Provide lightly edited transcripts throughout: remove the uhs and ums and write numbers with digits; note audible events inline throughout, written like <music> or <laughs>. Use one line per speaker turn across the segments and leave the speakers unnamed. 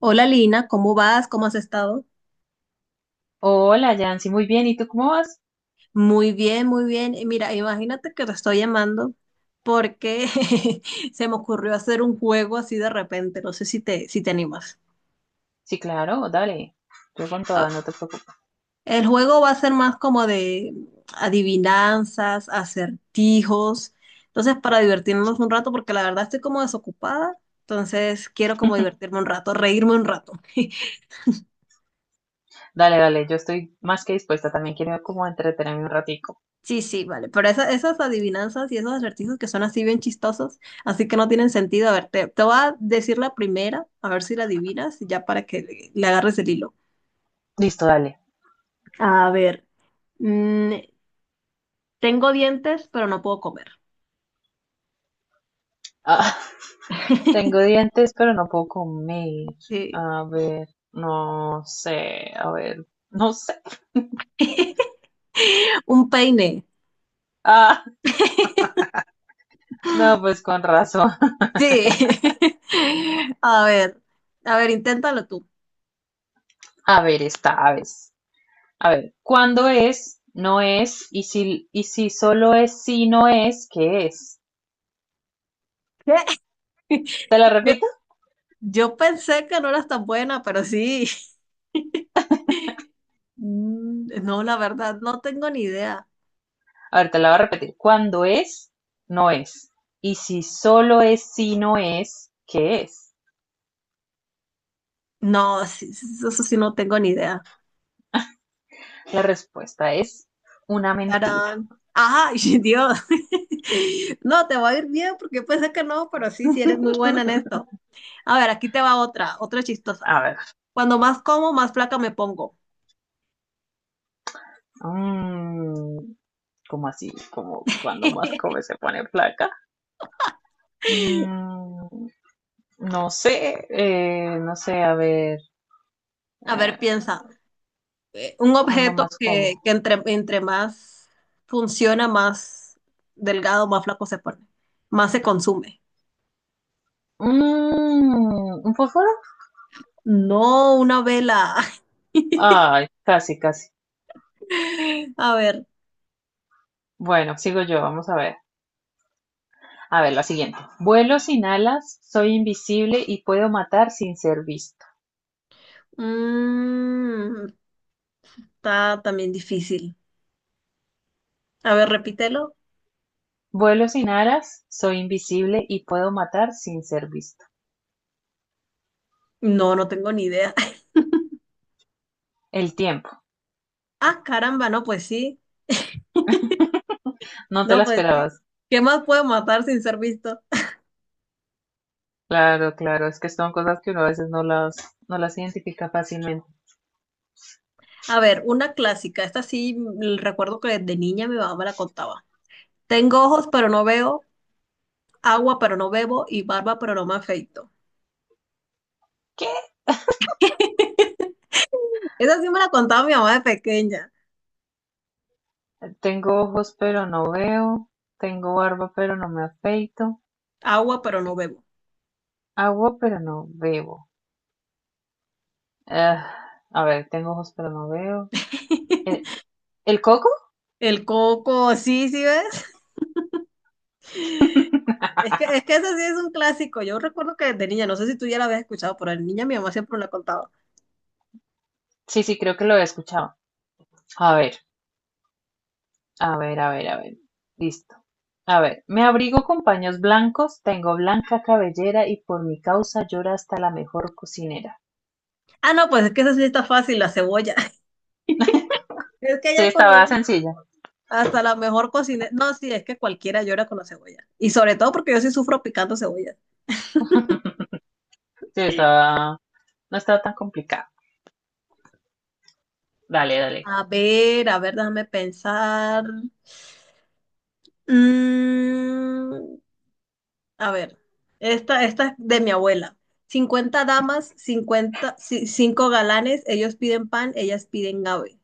Hola Lina, ¿cómo vas? ¿Cómo has estado?
Hola, Yancy, muy bien. ¿Y tú cómo vas?
Muy bien, muy bien. Y mira, imagínate que te estoy llamando porque <laughs> se me ocurrió hacer un juego así de repente. No sé si te animas.
Sí, claro, dale. Yo con toda,
Ah,
no te preocupes.
el juego va a ser más como de adivinanzas, acertijos. Entonces, para divertirnos un rato, porque la verdad estoy como desocupada. Entonces, quiero como divertirme un rato, reírme un rato. <laughs>
Dale, dale, yo estoy más que dispuesta. También quiero como entretenerme un ratico.
Sí, sí, vale. Pero esas adivinanzas y esos acertijos que son así bien chistosos, así que no tienen sentido. A ver, te voy a decir la primera, a ver si la adivinas, ya para que le agarres el hilo.
Listo, dale.
A ver, mm, tengo dientes, pero no puedo comer.
Ah, <laughs> tengo
<laughs>
dientes, pero no puedo comer.
Sí.
A ver, no sé, a ver, no sé.
<laughs> Un peine.
Ah,
<laughs>
no, pues con razón. <laughs>
Sí. <laughs> A ver, a ver, inténtalo tú.
A ver, esta vez. A ver, ¿cuándo es? No es. Y si solo es si no es, ¿qué es?
<laughs> ¿Qué?
Te la
Yo,
repito.
yo pensé que no eras tan buena, pero sí. <laughs> Mm, no, la verdad, no tengo ni idea.
A ver, te la voy a repetir. Cuando es, no es. Y si solo es si no es, ¿qué es?
No, sí, sí, sí, eso sí no tengo ni idea.
La respuesta es una mentira.
Tarán. Ajá, <laughs> y Dios. <laughs> No, te va a ir bien porque pensé que no, pero sí, sí eres muy buena en esto. A ver, aquí te va otra, otra chistosa.
A ver,
Cuando más como, más flaca me pongo.
mm, ¿cómo así? Como cuando más come
<laughs>
se pone flaca. Mm, no sé, no sé, a ver,
A
eh,
ver, piensa. Un
¿cuándo
objeto
más
que
como?
entre más funciona, más delgado, más flaco se pone, más se consume.
¿Un fósforo?
No, una vela.
Ay, casi, casi.
<laughs> A ver.
Bueno, sigo yo, vamos a ver. A ver, la siguiente. Vuelo sin alas, soy invisible y puedo matar sin ser visto.
mm, Está también difícil. A ver, repítelo.
Vuelo sin alas, soy invisible y puedo matar sin ser visto.
No, no tengo ni idea. <laughs>
El tiempo.
Ah, caramba, no, pues sí.
No te la
No, pues sí.
esperabas.
¿Qué más puedo matar sin ser visto?
Claro, claro. Es que son cosas que uno a veces no las identifica fácilmente.
A ver, una clásica. Esta sí recuerdo que de niña mi mamá me la contaba. Tengo ojos, pero no veo, agua, pero no bebo, y barba, pero no me afeito.
¿Qué?
Esa sí me la contaba mi mamá de pequeña.
Tengo ojos pero no veo. Tengo barba pero no me afeito.
Agua, pero no bebo.
Agua pero no bebo. Ah, a ver, tengo ojos pero no veo. ¿El,
<laughs>
el coco?
El coco, sí, sí, ¿ves? Es que ese sí es un clásico. Yo recuerdo que de niña, no sé si tú ya la habías escuchado, pero de niña mi mamá siempre me la contaba.
Sí, sí, creo que lo he escuchado. A ver, a ver, a ver, a ver. Listo. A ver, me abrigo con paños blancos, tengo blanca cabellera y por mi causa llora hasta la mejor cocinera.
Ah, no, pues es que esa sí está fácil, la cebolla. <laughs> Es que
Sí,
ya con
estaba
un-
sencilla.
hasta la mejor cocinera. No, sí, es que cualquiera llora con la cebolla. Y sobre todo porque yo sí sufro picando cebolla.
Sí, No estaba tan complicada. Dale, dale.
A ver, déjame pensar. Mm, a ver, esta es de mi abuela. 50 damas, 50 5 galanes, ellos piden pan, ellas piden ave.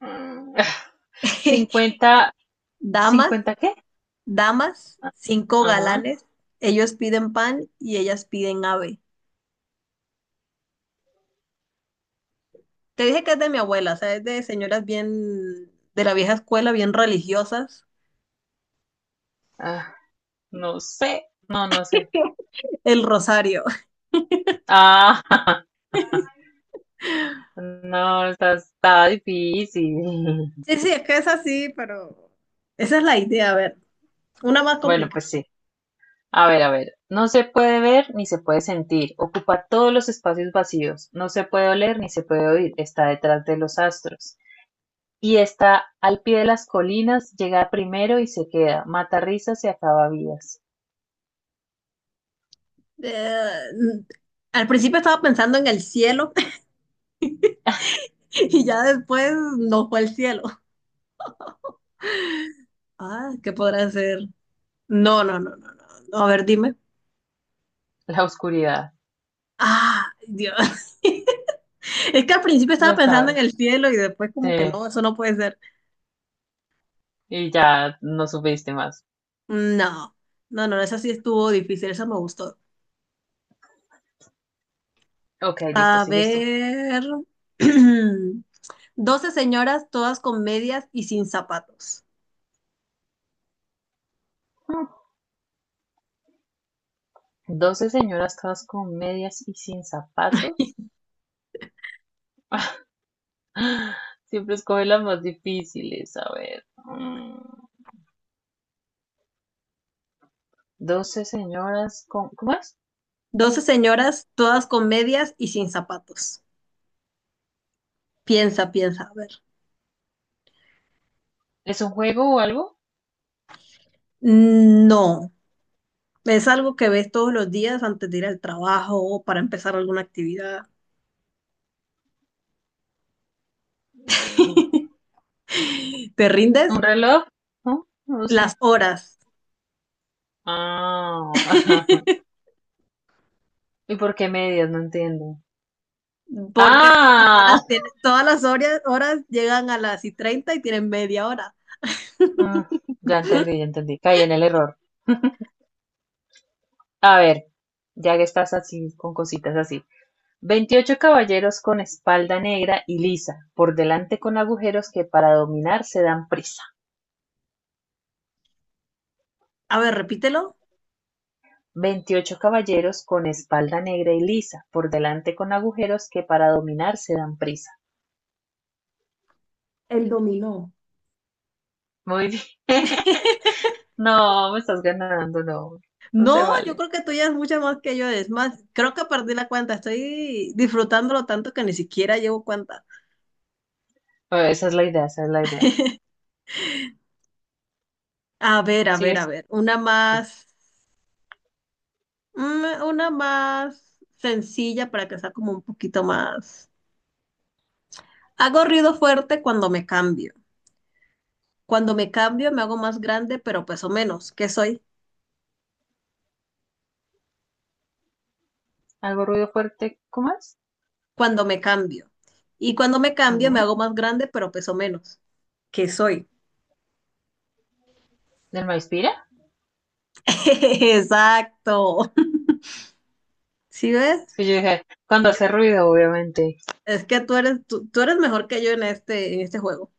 Mm, <laughs>
<laughs>
50
Damas,
¿50 qué?
damas,
Ah,
cinco
ajá.
galanes, ellos piden pan y ellas piden ave. Te dije que es de mi abuela, o sea, es de señoras bien de la vieja escuela, bien religiosas.
Ah, no sé. No, no sé.
El rosario. <laughs>
Ah, <laughs> no, está difícil.
Sí,
<laughs>
sí, es que es así, pero esa es la idea. A ver, una más
Bueno,
complicada.
pues sí. A ver, no se puede ver ni se puede sentir, ocupa todos los espacios vacíos, no se puede oler ni se puede oír, está detrás de los astros y está al pie de las colinas, llega primero y se queda, mata risas y acaba vidas.
Eh, Al principio estaba pensando en el cielo <laughs> y ya después no fue el cielo. Ah, ¿qué podrá ser? No, no, no, no, no. No, a ver, dime.
<laughs> La oscuridad,
Ah, Dios. <laughs> Es que al principio
no
estaba pensando en
está,
el cielo y después
sí,
como que no, eso no puede ser.
y ya no supiste más.
No, no, no, esa sí estuvo difícil, esa me gustó.
Ok, listo,
A
sigues tú.
ver. <clears throat> 12 señoras, todas con medias y sin zapatos.
Doce señoras todas con medias y sin zapatos. <gasps> Siempre escoge las más difíciles, a ver. Mm. Doce señoras con, ¿cómo es?
12 señoras, todas con medias y sin zapatos. Piensa, piensa, a ver.
¿Es un juego o algo?
No, es algo que ves todos los días antes de ir al trabajo o para empezar alguna actividad.
Mm,
<laughs> ¿Te
¿Un
rindes?
reloj? No, no lo
Las
sé.
horas.
Ah,
<laughs>
<laughs> ¿y por qué medias? No entiendo.
Porque todas las
Ah,
horas tienen, todas las horas, horas llegan a las y 30 y tienen media hora.
Mm, ya entendí, ya entendí. Caí en el error. A ver, ya que estás así, con cositas así. 28 caballeros con espalda negra y lisa, por delante con agujeros que para dominar se dan prisa.
A ver, repítelo.
28 caballeros con espalda negra y lisa, por delante con agujeros que para dominar se dan prisa.
El dominó.
Muy bien. <laughs>
<laughs>
No, me estás ganando, no. No se
No, yo
vale.
creo que tú ya es mucho más que yo. Es más, creo que perdí la cuenta. Estoy disfrutándolo tanto que ni siquiera llevo cuenta.
Bueno, esa es la idea, esa es la idea.
A ver, a ver, a
¿Sigues?
ver. Una más sencilla para que sea como un poquito más. Hago ruido fuerte cuando me cambio. Cuando me cambio me hago más grande, pero peso menos. ¿Qué soy?
¿Algo ruido fuerte? ¿Cómo es?
Cuando me cambio. Y cuando me cambio me
Ujú.
hago más grande, pero peso menos. ¿Qué soy?
¿Del maíz pira?
<laughs> Exacto. ¿Sí ves?
Sí, yo dije, cuando hace ruido, obviamente.
Es que tú eres mejor que yo en este juego.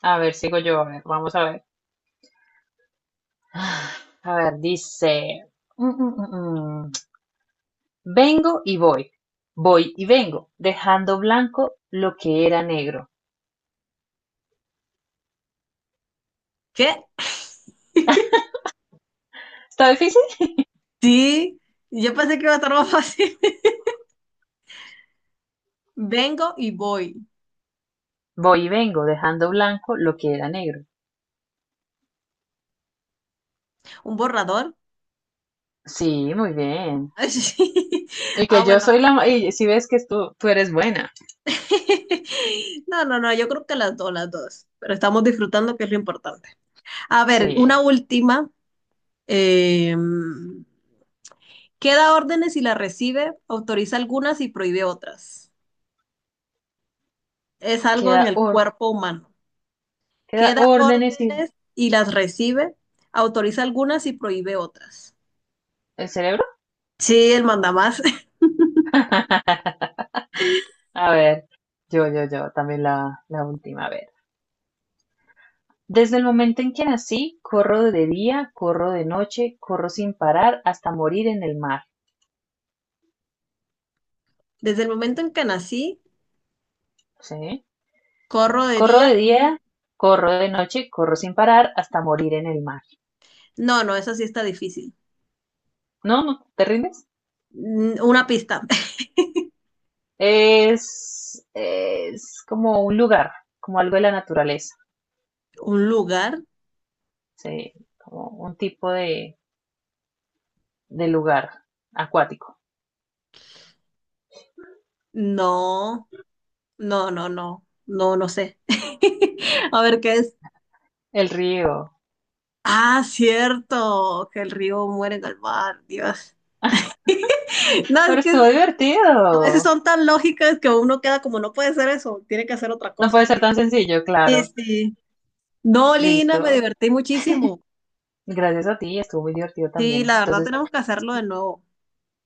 A ver, sigo yo, a ver, vamos a ver. A ver, dice, mm, mm, mm, mm. Vengo y voy, voy y vengo, dejando blanco lo que era negro.
¿Qué?
¿Está difícil?
Sí, yo pensé que iba a estar más fácil. <laughs> Vengo y voy.
Voy y vengo, dejando blanco lo que era negro.
¿Un borrador?
Sí, muy bien.
<laughs> Sí.
Y
Ah,
que yo
bueno.
soy la... ma- Y si ves que tú eres buena.
<laughs> No, no, no, yo creo que las dos, las dos. Pero estamos disfrutando, que es lo importante. A ver,
Sí,
una última. Eh, ¿Qué da órdenes y las recibe? Autoriza algunas y prohíbe otras. Es algo en
queda
el
or-
cuerpo humano.
que
Que da
órdenes y
órdenes y las recibe, autoriza algunas y prohíbe otras.
el cerebro.
Sí, el mandamás. <laughs>
A ver, yo, también la última. A ver. Desde el momento en que nací, corro de día, corro de noche, corro sin parar hasta morir en el mar.
Desde el momento en que nací,
¿Sí?
corro de
Corro
día.
de día, corro de noche, corro sin parar hasta morir en el mar.
No, no, eso sí está difícil.
No, no, ¿te rindes?
Una pista. <laughs>
Es como un lugar, como algo de la naturaleza.
¿Un lugar?
Sí, como un tipo de lugar acuático.
No, no, no, no, no, no sé. <laughs> A ver qué es.
El río.
Ah, cierto, que el río muere en el mar, Dios. No, es
Pero
que
estuvo
a veces
divertido.
son tan lógicas que uno queda como, no puede ser eso, tiene que hacer otra
No
cosa.
puede ser tan sencillo,
Sí,
claro.
sí. No, Lina,
Listo.
me divertí muchísimo.
Gracias a ti, estuvo muy divertido
Sí,
también.
la verdad
Entonces,
tenemos que hacerlo de nuevo.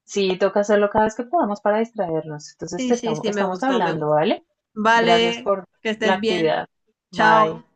sí, toca hacerlo cada vez que podamos para distraernos. Entonces,
Sí, sí, sí, me
estamos
gustó, me
hablando,
gustó.
¿vale? Gracias
Vale,
por
que
la
estés bien.
actividad.
Chao.
Bye.